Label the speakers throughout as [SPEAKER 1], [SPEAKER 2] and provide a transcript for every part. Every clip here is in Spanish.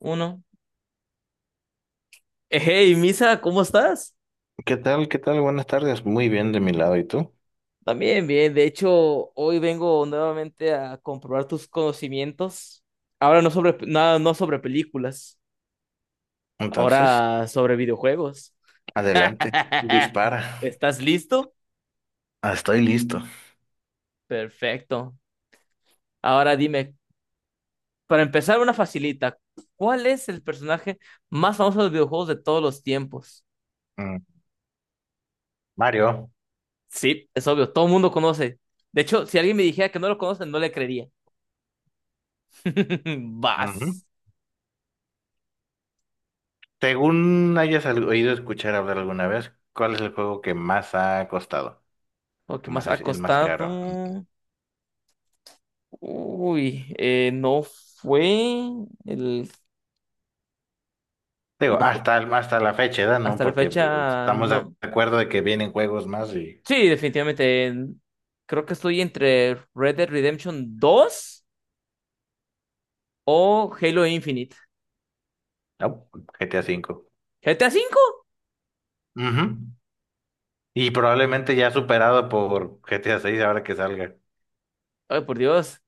[SPEAKER 1] Uno. Hey, Misa, ¿cómo estás?
[SPEAKER 2] ¿Qué tal? ¿Qué tal? Buenas tardes. Muy bien de mi lado. ¿Y tú?
[SPEAKER 1] También bien. De hecho, hoy vengo nuevamente a comprobar tus conocimientos. Ahora no sobre, nada, no sobre películas,
[SPEAKER 2] Entonces,
[SPEAKER 1] ahora sobre videojuegos.
[SPEAKER 2] adelante. Dispara.
[SPEAKER 1] ¿Estás listo?
[SPEAKER 2] Ah, estoy listo.
[SPEAKER 1] Perfecto. Ahora dime, para empezar una facilita, ¿cuál es el personaje más famoso de los videojuegos de todos los tiempos?
[SPEAKER 2] Mm, Mario,
[SPEAKER 1] Sí, es obvio, todo el mundo conoce. De hecho, si alguien me dijera que no lo conoce, no le creería.
[SPEAKER 2] ujú.
[SPEAKER 1] Vas.
[SPEAKER 2] Según hayas oído escuchar hablar alguna vez, ¿cuál es el juego que más ha costado?
[SPEAKER 1] Lo que
[SPEAKER 2] ¿Que más
[SPEAKER 1] más ha
[SPEAKER 2] es el más caro? Mm.
[SPEAKER 1] costado. Uy, no fue el.
[SPEAKER 2] Digo,
[SPEAKER 1] No fue-
[SPEAKER 2] hasta, hasta la fecha, ¿verdad? ¿No?
[SPEAKER 1] Hasta la
[SPEAKER 2] Porque
[SPEAKER 1] fecha,
[SPEAKER 2] estamos de
[SPEAKER 1] no.
[SPEAKER 2] acuerdo de que vienen juegos más y...
[SPEAKER 1] Sí, definitivamente. Creo que estoy entre Red Dead Redemption 2 o Halo Infinite.
[SPEAKER 2] No, GTA V.
[SPEAKER 1] ¿GTA 5?
[SPEAKER 2] Ujú. Y probablemente ya superado por GTA 6 ahora que salga.
[SPEAKER 1] Ay, por Dios.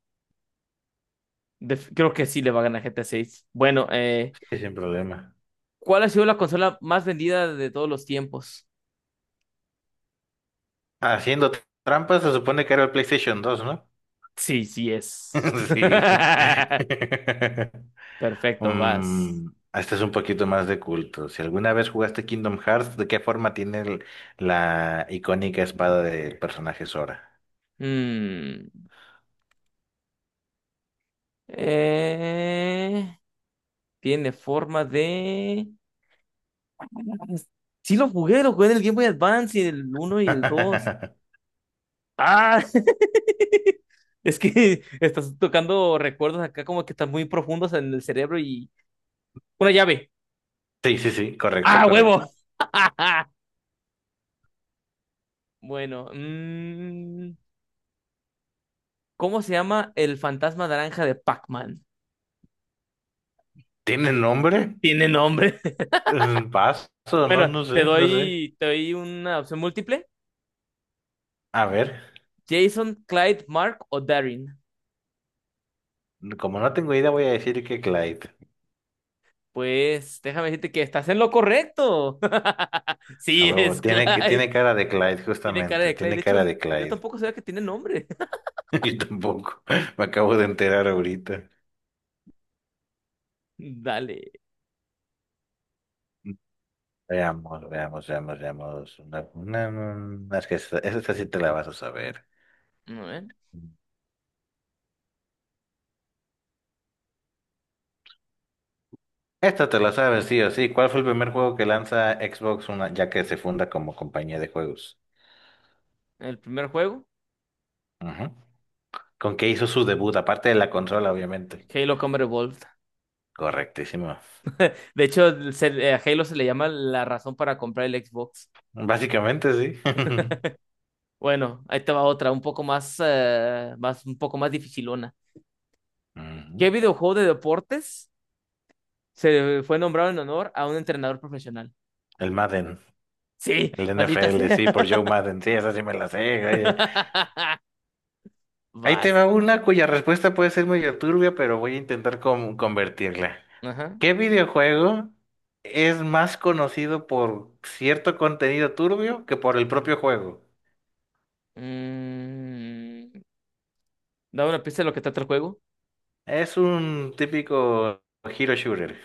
[SPEAKER 1] Creo que sí le va a ganar GTA 6. Bueno,
[SPEAKER 2] Sí, sin problema.
[SPEAKER 1] ¿cuál ha sido la consola más vendida de todos los tiempos?
[SPEAKER 2] Haciendo trampas se supone que era el PlayStation 2, ¿no?
[SPEAKER 1] Sí, sí es.
[SPEAKER 2] Sí.
[SPEAKER 1] Perfecto, vas.
[SPEAKER 2] Mm, este es un poquito más de culto. Si alguna vez jugaste Kingdom Hearts, ¿de qué forma tiene la icónica espada del personaje Sora?
[SPEAKER 1] Mm. Eh, Tiene forma de. Sí, lo jugué en el Game Boy Advance y el uno y el dos. Ah, es que estás tocando recuerdos acá como que están muy profundos en el cerebro. Y... Una llave.
[SPEAKER 2] Sí, sí, sí, correcto,
[SPEAKER 1] Ah, huevo.
[SPEAKER 2] correcto.
[SPEAKER 1] Bueno, ¿cómo se llama el fantasma naranja de Pac-Man?
[SPEAKER 2] ¿Tiene nombre?
[SPEAKER 1] Tiene nombre.
[SPEAKER 2] Mm, paso, no,
[SPEAKER 1] Bueno,
[SPEAKER 2] no
[SPEAKER 1] te
[SPEAKER 2] sé, no sé.
[SPEAKER 1] doy, te doy una opción múltiple.
[SPEAKER 2] A ver,
[SPEAKER 1] Jason, Clyde, Mark o Darren.
[SPEAKER 2] como no tengo idea, voy a decir que Clyde.
[SPEAKER 1] Pues déjame decirte que estás en lo correcto.
[SPEAKER 2] A
[SPEAKER 1] Sí,
[SPEAKER 2] huevo,
[SPEAKER 1] es
[SPEAKER 2] tiene,
[SPEAKER 1] Clyde.
[SPEAKER 2] tiene cara de Clyde,
[SPEAKER 1] Tiene cara
[SPEAKER 2] justamente,
[SPEAKER 1] de Clyde.
[SPEAKER 2] tiene
[SPEAKER 1] De hecho,
[SPEAKER 2] cara de
[SPEAKER 1] yo
[SPEAKER 2] Clyde.
[SPEAKER 1] tampoco sabía que tiene nombre.
[SPEAKER 2] Yo tampoco. Me acabo de enterar ahorita.
[SPEAKER 1] Dale.
[SPEAKER 2] Veamos, veamos, veamos, veamos. Es que esta sí te la vas a saber.
[SPEAKER 1] A ver,
[SPEAKER 2] Esta te la sabes, sí o sí. ¿Cuál fue el primer juego que lanza Xbox una, ya que se funda como compañía de juegos?
[SPEAKER 1] el primer juego,
[SPEAKER 2] Ujú. ¿Con qué hizo su debut? Aparte de la consola, obviamente.
[SPEAKER 1] Halo Combat Evolved.
[SPEAKER 2] Correctísimo.
[SPEAKER 1] De hecho, a Halo se le llama la razón para comprar el Xbox.
[SPEAKER 2] Básicamente, sí.
[SPEAKER 1] Bueno, ahí te va otra, un poco más, más, un poco más dificilona.
[SPEAKER 2] Ujú.
[SPEAKER 1] ¿Qué videojuego de deportes se fue nombrado en honor a un entrenador profesional?
[SPEAKER 2] El Madden,
[SPEAKER 1] Sí,
[SPEAKER 2] el
[SPEAKER 1] maldita
[SPEAKER 2] NFL,
[SPEAKER 1] sea.
[SPEAKER 2] sí, por Joe Madden. Sí, esa sí me la sé. Ahí te va
[SPEAKER 1] Vas.
[SPEAKER 2] una cuya respuesta puede ser medio turbia, pero voy a intentar convertirla.
[SPEAKER 1] Ajá.
[SPEAKER 2] ¿Qué videojuego es más conocido por cierto contenido turbio que por el propio juego?
[SPEAKER 1] Mm, Da una pista de lo que trata el juego.
[SPEAKER 2] Es un típico hero shooter.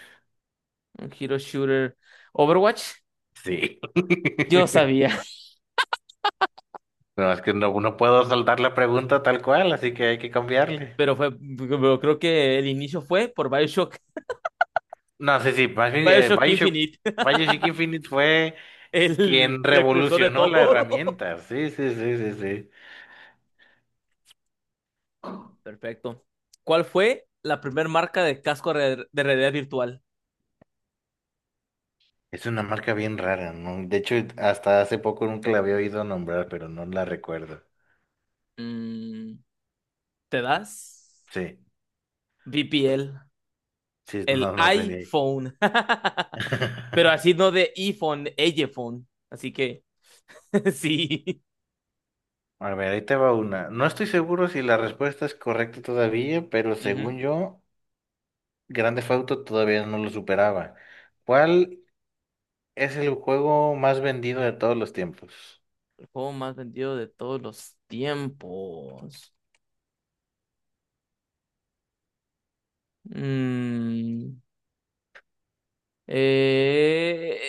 [SPEAKER 1] Un hero shooter. Overwatch.
[SPEAKER 2] Sí.
[SPEAKER 1] Yo sabía,
[SPEAKER 2] No, es que no, no puedo soltar la pregunta tal cual, así que hay que cambiarle.
[SPEAKER 1] pero creo que el inicio fue por BioShock.
[SPEAKER 2] No, sí, sí, más bien
[SPEAKER 1] BioShock
[SPEAKER 2] Bioshock,
[SPEAKER 1] Infinite,
[SPEAKER 2] Bioshock Infinite fue
[SPEAKER 1] el
[SPEAKER 2] quien
[SPEAKER 1] precursor de
[SPEAKER 2] revolucionó la
[SPEAKER 1] todo.
[SPEAKER 2] herramienta. Sí, sí, sí, sí, sí.
[SPEAKER 1] Perfecto. ¿Cuál fue la primera marca de casco de realidad virtual?
[SPEAKER 2] Es una marca bien rara, ¿no? De hecho, hasta hace poco nunca la había oído nombrar, pero no la recuerdo.
[SPEAKER 1] Mm, ¿Te das?
[SPEAKER 2] Sí,
[SPEAKER 1] VPL.
[SPEAKER 2] sí, no,
[SPEAKER 1] El
[SPEAKER 2] no tenía.
[SPEAKER 1] iPhone. Pero así no de iPhone, iPhone. Así que sí.
[SPEAKER 2] A ver, ahí te va una. No estoy seguro si la respuesta es correcta todavía, pero
[SPEAKER 1] Ujú.
[SPEAKER 2] según yo, Grand Theft Auto todavía no lo superaba. ¿Cuál es el juego más vendido de todos los tiempos?
[SPEAKER 1] El juego más vendido de todos los tiempos. Mm, eh,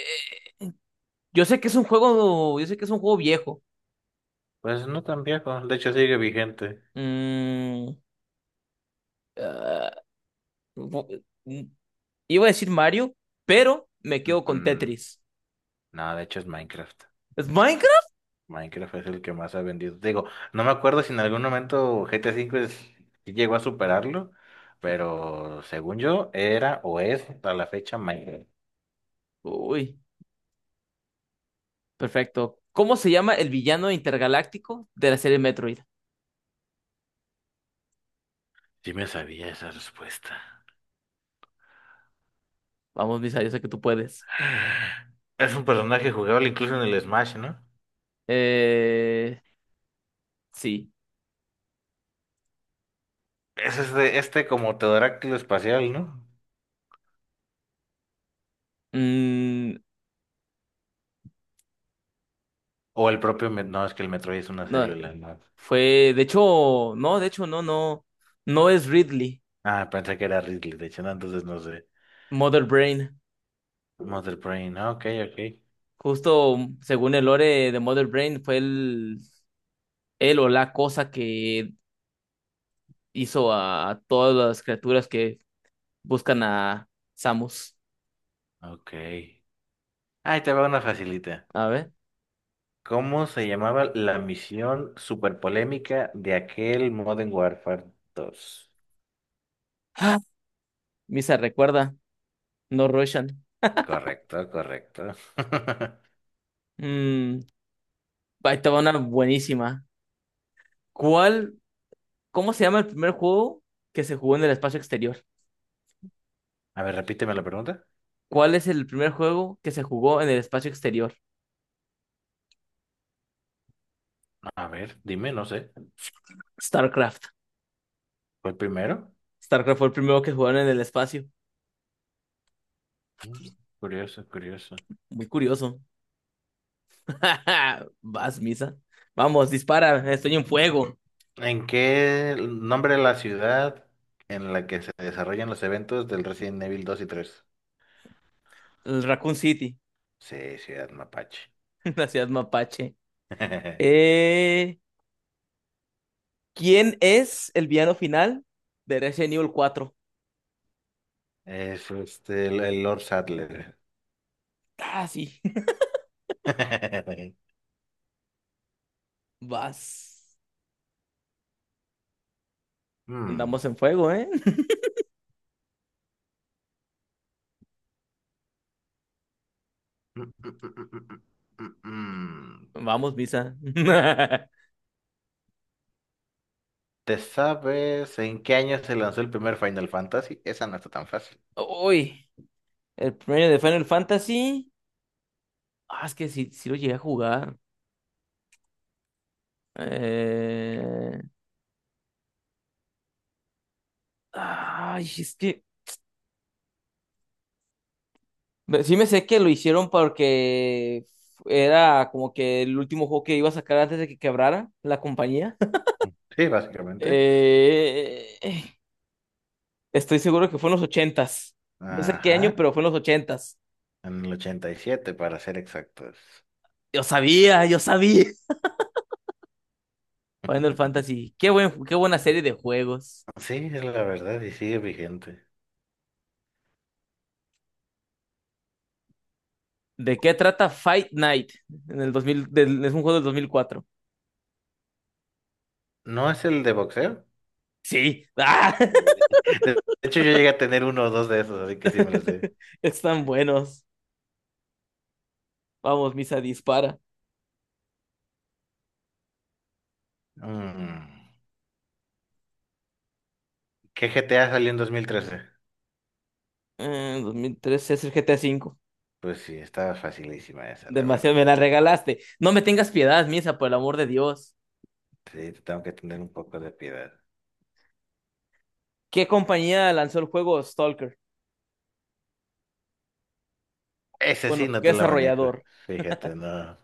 [SPEAKER 1] yo sé que es un juego viejo.
[SPEAKER 2] Pues no tan viejo, de hecho sigue vigente.
[SPEAKER 1] Mm, ah, bu- mm, iba a decir Mario, pero me quedo con
[SPEAKER 2] Mm,
[SPEAKER 1] Tetris.
[SPEAKER 2] no, de hecho es Minecraft.
[SPEAKER 1] ¿Es Minecraft?
[SPEAKER 2] Minecraft es el que más ha vendido. Digo, no me acuerdo si en algún momento sí llegó a superarlo, pero según yo era o es a la fecha Minecraft.
[SPEAKER 1] Uy, perfecto. ¿Cómo se llama el villano intergaláctico de la serie Metroid?
[SPEAKER 2] Sí me sabía esa respuesta.
[SPEAKER 1] Vamos, Misa, yo sé que tú puedes.
[SPEAKER 2] Es un personaje jugable incluso en el Smash, ¿no?
[SPEAKER 1] Eh, sí.
[SPEAKER 2] Es este, este como pterodáctilo espacial, ¿no?
[SPEAKER 1] Mm,
[SPEAKER 2] O el propio... No, es que el Metroid es una
[SPEAKER 1] no,
[SPEAKER 2] célula, ¿no?
[SPEAKER 1] fue, de hecho, no, no, no es Ridley,
[SPEAKER 2] Ah, pensé que era Ridley, de hecho, no, entonces no sé.
[SPEAKER 1] Mother Brain.
[SPEAKER 2] Mother Brain, ah, ok, ok.
[SPEAKER 1] Justo según el lore de Mother Brain, fue el, él o la cosa que hizo a todas las criaturas que buscan a Samus.
[SPEAKER 2] Ok. Ahí te va una facilita.
[SPEAKER 1] A ver.
[SPEAKER 2] ¿Cómo se llamaba la misión super polémica de aquel Modern Warfare dos?
[SPEAKER 1] ¡Ah! Misa recuerda, no Roshan.
[SPEAKER 2] Correcto, correcto.
[SPEAKER 1] Mm, Ahí estaba una buenísima. ¿Cuál, cómo se llama el primer juego que se jugó en el espacio exterior?
[SPEAKER 2] A ver, repíteme la pregunta.
[SPEAKER 1] ¿Cuál es el primer juego que se jugó en el espacio exterior?
[SPEAKER 2] A ver, dime, no sé.
[SPEAKER 1] StarCraft.
[SPEAKER 2] ¿Fue el primero?
[SPEAKER 1] StarCraft fue el primero que jugaron en el espacio.
[SPEAKER 2] Mm, Curioso, curioso.
[SPEAKER 1] Muy curioso. Vas, Misa. Vamos, dispara. Estoy en fuego.
[SPEAKER 2] ¿En qué nombre de la ciudad en la que se desarrollan los eventos del Resident Evil dos y tres?
[SPEAKER 1] El Raccoon City,
[SPEAKER 2] Sí, Ciudad Mapache.
[SPEAKER 1] la ciudad mapache. Eh, ¿Quién es el villano final de Resident Evil 4?
[SPEAKER 2] Es este, el Lord Sadler.
[SPEAKER 1] Ah, sí. Vas. Andamos
[SPEAKER 2] Hmm.
[SPEAKER 1] en fuego, ¿eh?
[SPEAKER 2] Mm, mm, mm, mm, mm, mm. mm.
[SPEAKER 1] Vamos, Misa.
[SPEAKER 2] ¿Te sabes en qué año se lanzó el primer Final Fantasy? Esa no está tan fácil.
[SPEAKER 1] Uy, el premio de Final Fantasy. Ah, es que sí, sí lo llegué a jugar. Eh... Ay, es que sí me sé que lo hicieron porque era como que el último juego que iba a sacar antes de que quebrara la compañía.
[SPEAKER 2] Sí, básicamente.
[SPEAKER 1] Eh, Estoy seguro que fue en los ochentas. No sé qué
[SPEAKER 2] Ajá,
[SPEAKER 1] año, pero fue en los ochentas.
[SPEAKER 2] en el 87, para ser exactos.
[SPEAKER 1] Yo sabía, yo sabía. Final Fantasy. Qué buena serie de juegos.
[SPEAKER 2] Sí, es la verdad y sigue vigente.
[SPEAKER 1] ¿De qué trata Fight Night? En el 2000, es un juego del 2004.
[SPEAKER 2] ¿No es el de boxeo?
[SPEAKER 1] Sí. ¡Ah!
[SPEAKER 2] De hecho, yo llegué a tener uno o dos de esos, así que sí me los sé.
[SPEAKER 1] Están buenos. Vamos, Misa, dispara.
[SPEAKER 2] Mm, ¿Qué GTA salió en 2013?
[SPEAKER 1] 2013 es el GTA 5.
[SPEAKER 2] Pues sí, estaba facilísima esa, la verdad.
[SPEAKER 1] Demasiado me la regalaste. No me tengas piedad, Misa, por el amor de Dios.
[SPEAKER 2] Sí, te tengo que tener un poco de piedad.
[SPEAKER 1] ¿Qué compañía lanzó el juego Stalker?
[SPEAKER 2] Ese sí
[SPEAKER 1] Bueno,
[SPEAKER 2] no
[SPEAKER 1] ¿qué
[SPEAKER 2] te la manejo.
[SPEAKER 1] desarrollador?
[SPEAKER 2] Fíjate, no.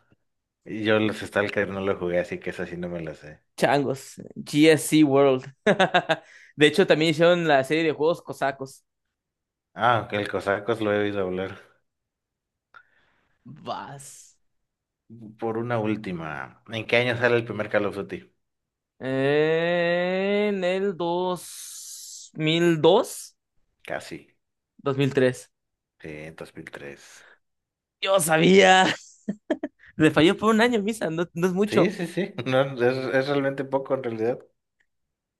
[SPEAKER 2] Yo los Stalker no lo jugué, así que eso sí no me lo sé.
[SPEAKER 1] Changos, GSC World. De hecho, también hicieron la serie de juegos cosacos.
[SPEAKER 2] Ah, ok, el Cosacos lo he oído hablar.
[SPEAKER 1] Vas.
[SPEAKER 2] Por una última, ¿en qué año sale el primer Call of Duty?
[SPEAKER 1] En el 2002,
[SPEAKER 2] Casi,
[SPEAKER 1] dos mil tres.
[SPEAKER 2] sí, en 2003.
[SPEAKER 1] Yo sabía. Le falló por un año, Misa, no, no es
[SPEAKER 2] Sí,
[SPEAKER 1] mucho.
[SPEAKER 2] sí, sí, no, es realmente poco en realidad.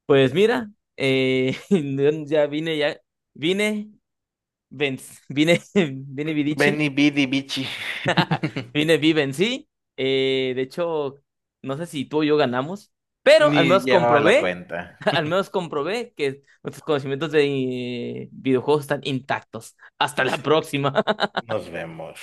[SPEAKER 1] Pues mira, eh, ya vine, Vince, vine, vine Vidichi
[SPEAKER 2] Benny Bidi Bichi.
[SPEAKER 1] Vine vive en sí. De hecho, no sé si tú o yo ganamos, pero al
[SPEAKER 2] Ni
[SPEAKER 1] menos
[SPEAKER 2] llevaba la
[SPEAKER 1] comprobé,
[SPEAKER 2] cuenta.
[SPEAKER 1] al menos comprobé que nuestros conocimientos de videojuegos están intactos. Hasta la
[SPEAKER 2] Así que
[SPEAKER 1] próxima.
[SPEAKER 2] nos vemos.